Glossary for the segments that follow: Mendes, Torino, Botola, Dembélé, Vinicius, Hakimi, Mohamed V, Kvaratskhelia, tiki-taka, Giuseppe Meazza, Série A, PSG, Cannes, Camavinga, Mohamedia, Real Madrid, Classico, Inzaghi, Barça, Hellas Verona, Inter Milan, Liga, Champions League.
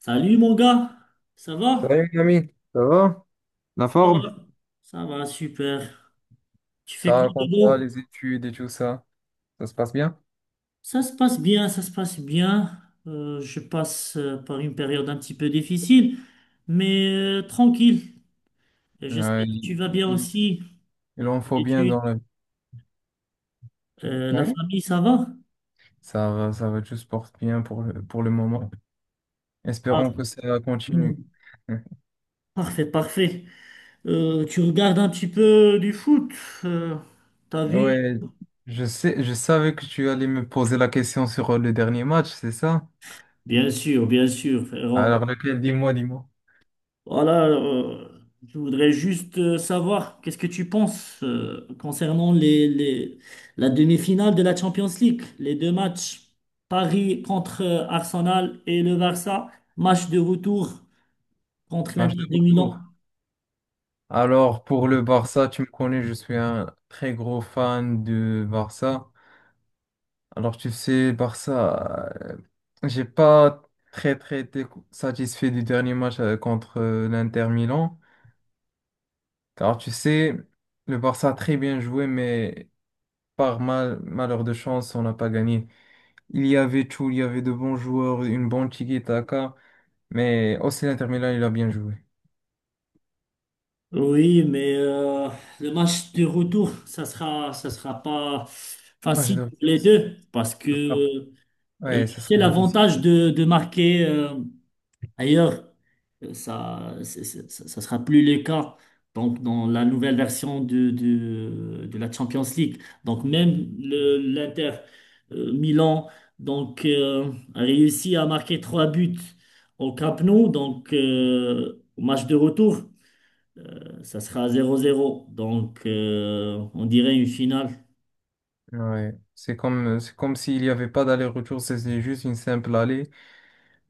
Salut mon gars, ça va? Salut mon ami, ça va? La Ça va, forme? ça va, super. Tu fais Ça quoi de raconte quoi? beau? Les études et tout ça, ça se passe bien? Ça se passe bien, ça se passe bien. Je passe par une période un petit peu difficile, mais tranquille. Et Ouais, j'espère que tu vas bien il- aussi. il en Les faut bien études, dans la vie. La Ouais. famille, ça va? Ça va, tout se porte bien pour pour le moment. Ah, Espérons que ça hmm, continue. parfait, parfait. Tu regardes un petit peu du foot, euh, t'as vu? Ouais, je savais que tu allais me poser la question sur le dernier match, c'est ça? Bien sûr, frérot. Alors lequel? Dis-moi, dis-moi. Voilà, je voudrais juste savoir qu'est-ce que tu penses concernant la demi-finale de la Champions League, les deux matchs, Paris contre Arsenal et le Barça, match de retour contre Match de l'Inter de retour. Milan. Alors pour le Barça, tu me connais, je suis un très gros fan de Barça. Alors, tu sais, Barça, j'ai pas très très été satisfait du dernier match contre l'Inter Milan. Car tu sais, le Barça a très bien joué, mais par mal, malheur de chance, on n'a pas gagné. Il y avait tout, il y avait de bons joueurs, une bonne tiki-taka, mais aussi l'Inter Milan, il a bien joué. Oui, mais le match de retour, ça sera pas Moi, je facile dois- pour les ça deux parce sera- que Ouais, ça c'est sera difficile. l'avantage de marquer. Ailleurs, ça, c'est- ça ça sera plus le cas. Donc, dans la nouvelle version de la Champions League. Donc, même l'Inter Milan donc, a réussi à marquer trois buts au Camp Nou. Donc, au match de retour, ça sera 0-0. Donc, on dirait une finale. Ouais. C'est comme s'il n'y avait pas d'aller-retour, c'est juste une simple allée.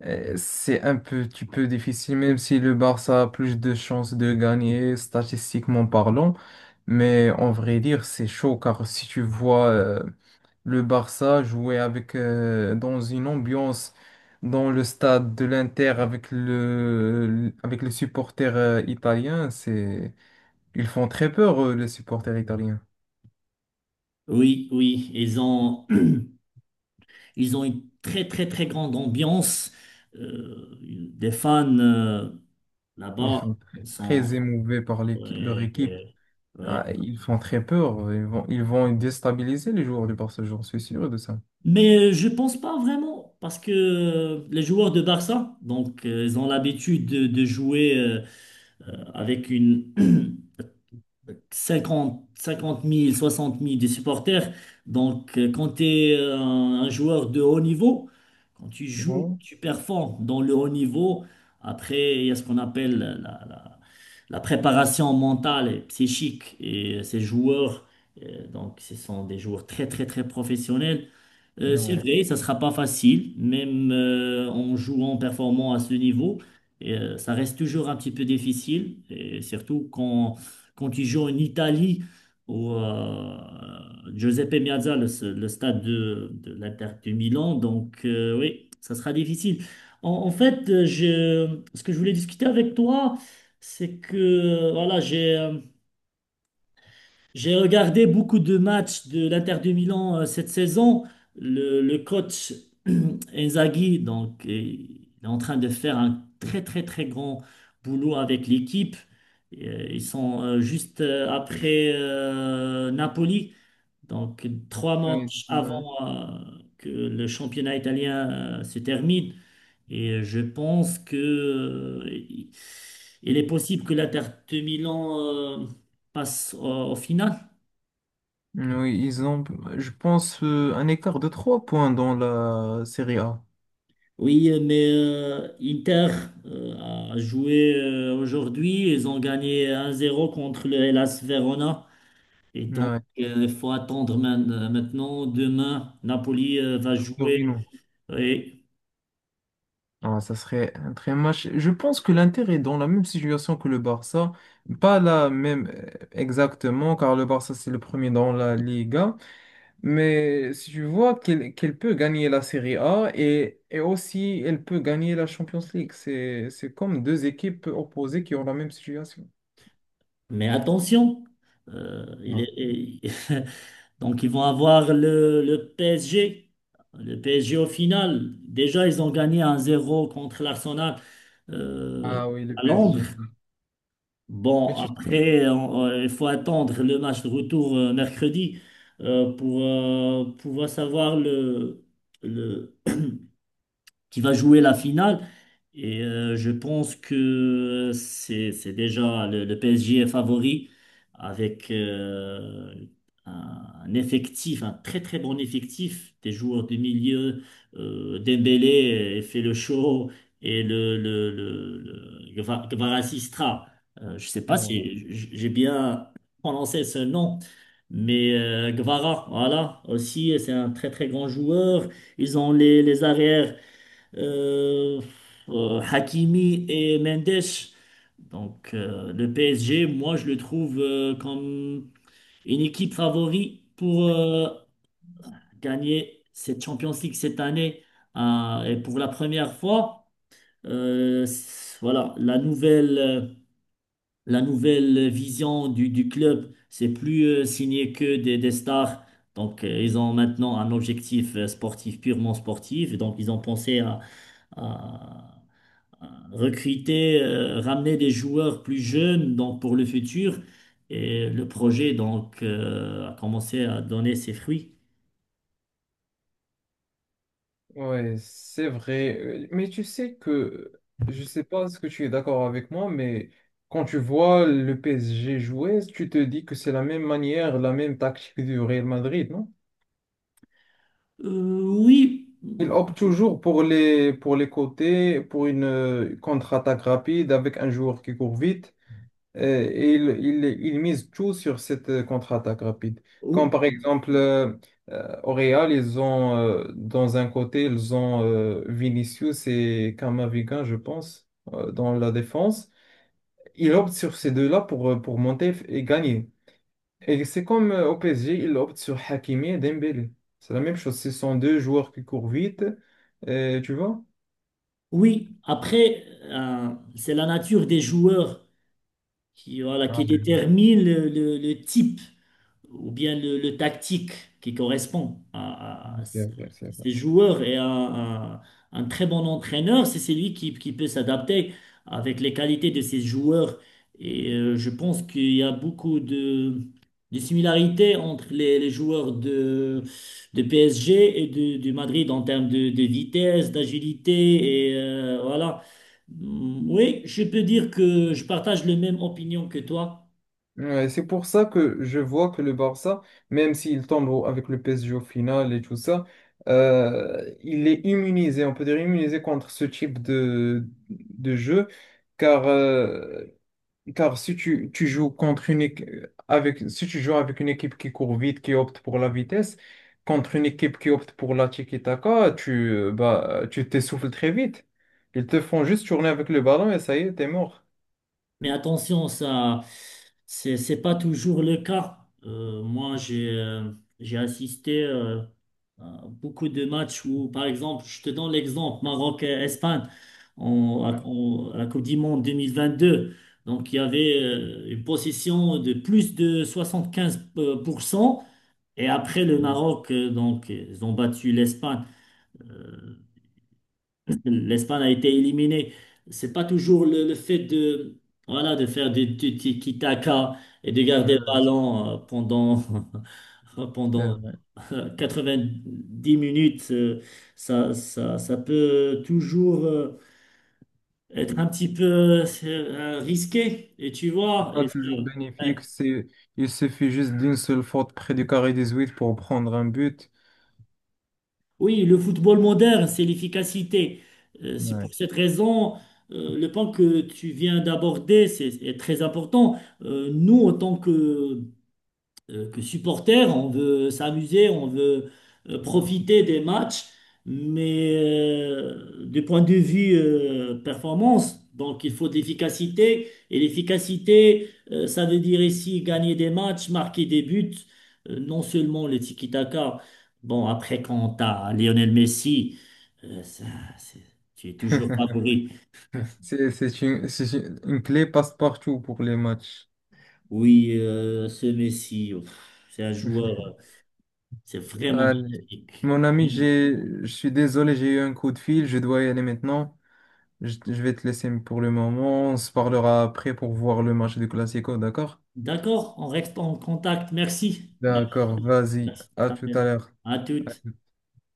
C'est un petit peu difficile, même si le Barça a plus de chances de gagner, statistiquement parlant. Mais en vrai dire, c'est chaud, car si tu vois le Barça jouer avec, dans une ambiance dans le stade de l'Inter avec avec les supporters italiens, c'est, ils font très peur, les supporters italiens. Oui, oui, ils ont, ils ont une très, très, très grande ambiance. Des fans. Ils Là-bas, sont très ils sont... très émouvés par leur ouais, équipe. ouais, Ah, ouais. ils font très peur. Ils vont déstabiliser les joueurs du Barça, j'en suis sûr de ça. Mais je pense pas vraiment, parce que les joueurs de Barça, donc, ils ont l'habitude de jouer avec une 50 000, 60 000 des supporters. Donc, quand tu es un joueur de haut niveau, quand tu joues, Ouais. tu performes dans le haut niveau. Après, il y a ce qu'on appelle la- la préparation mentale et psychique et ces joueurs, donc ce sont des joueurs très très très professionnels. C'est Ouais. vrai, ça sera pas facile, même en jouant, en performant à ce niveau, et, ça reste toujours un petit peu difficile, et surtout quand, quand tu joues en Italie, au Giuseppe Meazza, le stade de l'Inter de Milan, donc oui, ça sera difficile. En, en fait, ce que je voulais discuter avec toi, c'est que voilà, j'ai regardé beaucoup de matchs de l'Inter de Milan cette saison. Le coach Inzaghi, donc, il est en train de faire un très très très grand boulot avec l'équipe. Et, ils sont juste après Napoli, donc trois Oui, matchs ouais. avant que le championnat italien se termine. Et je pense que il est possible que l'Inter Milan euh, passe au final. Oui, je pense, un écart de 3 points dans la Série A. Oui, mais Inter euh, a joué aujourd'hui. Ils ont gagné 1-0 contre le Hellas Verona. Et donc, Ouais, il faut attendre maintenant. Demain, Napoli va jouer. Torino. Et Ah, ça serait un très match. Je pense que l'Inter est dans la même situation que le Barça. Pas la même exactement, car le Barça, c'est le premier dans la Liga. Mais si tu vois qu'elle peut gagner la Serie A et aussi elle peut gagner la Champions League, c'est comme deux équipes opposées qui ont la même situation. Mais attention, euh, il Non. est, donc ils vont avoir le PSG. Le PSG au final, déjà ils ont gagné 1-0 contre l'Arsenal euh, Ah oui, le à Londres. PSG. Bon, après, il faut attendre le match de retour mercredi pour pouvoir savoir le, qui va jouer la finale. Et je pense que c'est déjà le PSG est favori avec un effectif, un très très bon effectif, des joueurs du milieu. Dembélé fait le show et Kvaratskhelia. Je sais pas Ouais, si j'ai bien prononcé ce nom. Mais Gvara, voilà, aussi, c'est un très très grand joueur. Ils ont les arrières. Euh, Hakimi et Mendes. Donc le PSG, moi je le trouve comme une équipe favori pour gagner cette Champions League cette année. Et pour la première fois, voilà, la nouvelle vision du club, c'est plus signer que des stars. Donc ils ont maintenant un objectif sportif, purement sportif. Et donc ils ont pensé à recruter, ramener des joueurs plus jeunes donc pour le futur. Et le projet donc a commencé à donner ses fruits. ouais, c'est vrai. Mais tu sais que, je sais pas ce que tu es d'accord avec moi, mais quand tu vois le PSG jouer, tu te dis que c'est la même manière, la même tactique du Real Madrid, non? Euh, oui, Il opte toujours pour pour les côtés, pour une contre-attaque rapide avec un joueur qui court vite. euh, Et il mise tout sur cette contre-attaque rapide. Comme Ou- par exemple, au Real, dans un côté, ils ont Vinicius et Camavinga, je pense, dans la défense. Il opte sur ces deux-là pour monter et gagner. Et c'est comme au PSG, ils optent sur Hakimi et Dembélé. C'est la même chose. Ce sont deux joueurs qui courent vite, tu vois? oui. Après, c'est la nature des joueurs qui, voilà, qui Ah, détermine le type ou bien le tactique qui correspond c'est vrai, c'est vrai. ces joueurs et un très bon entraîneur, c'est celui qui peut s'adapter avec les qualités de ces joueurs. Et je pense qu'il y a beaucoup de similarités entre les joueurs de PSG et de Madrid en termes de vitesse, d'agilité et voilà. Mm, oui, je peux dire que je partage la même opinion que toi. Ouais, c'est pour ça que je vois que le Barça, même s'il tombe avec le PSG au final et tout ça, il est immunisé, on peut dire immunisé contre ce type de jeu, car car si tu joues contre une avec si tu joues avec une équipe qui court vite, qui opte pour la vitesse, contre une équipe qui opte pour la tiki-taka, tu bah tu t'essouffles très vite. Ils te font juste tourner avec le ballon et ça y est, t'es mort. Mais attention, ça, c'est pas toujours le cas. Moi, j'ai assisté à beaucoup de matchs où, par exemple, je te donne l'exemple, Maroc-Espagne, à la Coupe du Monde 2022. Donc, il y avait une possession de plus de 75%. Et après, le Maroc, donc, ils ont battu l'Espagne. euh, L'Espagne a été éliminée. C'est pas toujours le fait voilà, de faire du tiki-taka et de garder le Ouais, ballon pendant, c'est pendant vrai. 90 minutes. Ça peut toujours être un petit peu risqué. Et tu C'est vois, pas toujours bénéfique. ouais, Il suffit juste d'une seule faute près du carré huit pour prendre un but. oui, le football moderne, c'est l'efficacité. C'est Ouais. pour cette raison, le point que tu viens d'aborder est très important. Nous, en tant que supporter, on veut s'amuser, on veut profiter des matchs, mais du point de vue performance, donc il faut de l'efficacité, et l'efficacité, ça veut dire ici gagner des matchs, marquer des buts, non seulement le tiki-taka. Bon, après, quand t'as Lionel Messi, euh, ça, c'est- tu es toujours favori. C'est une clé passe-partout pour les matchs. Oui, ce Messi, pff, c'est un joueur, c'est vraiment Allez. magnifique. Mon ami, Mm. Je suis désolé, j'ai eu un coup de fil, je dois y aller maintenant. Je vais te laisser pour le moment. On se parlera après pour voir le match du Classico, d'accord? D'accord, on reste en contact. Merci. D'accord, Merci. vas-y, Merci. à tout à l'heure. À toutes.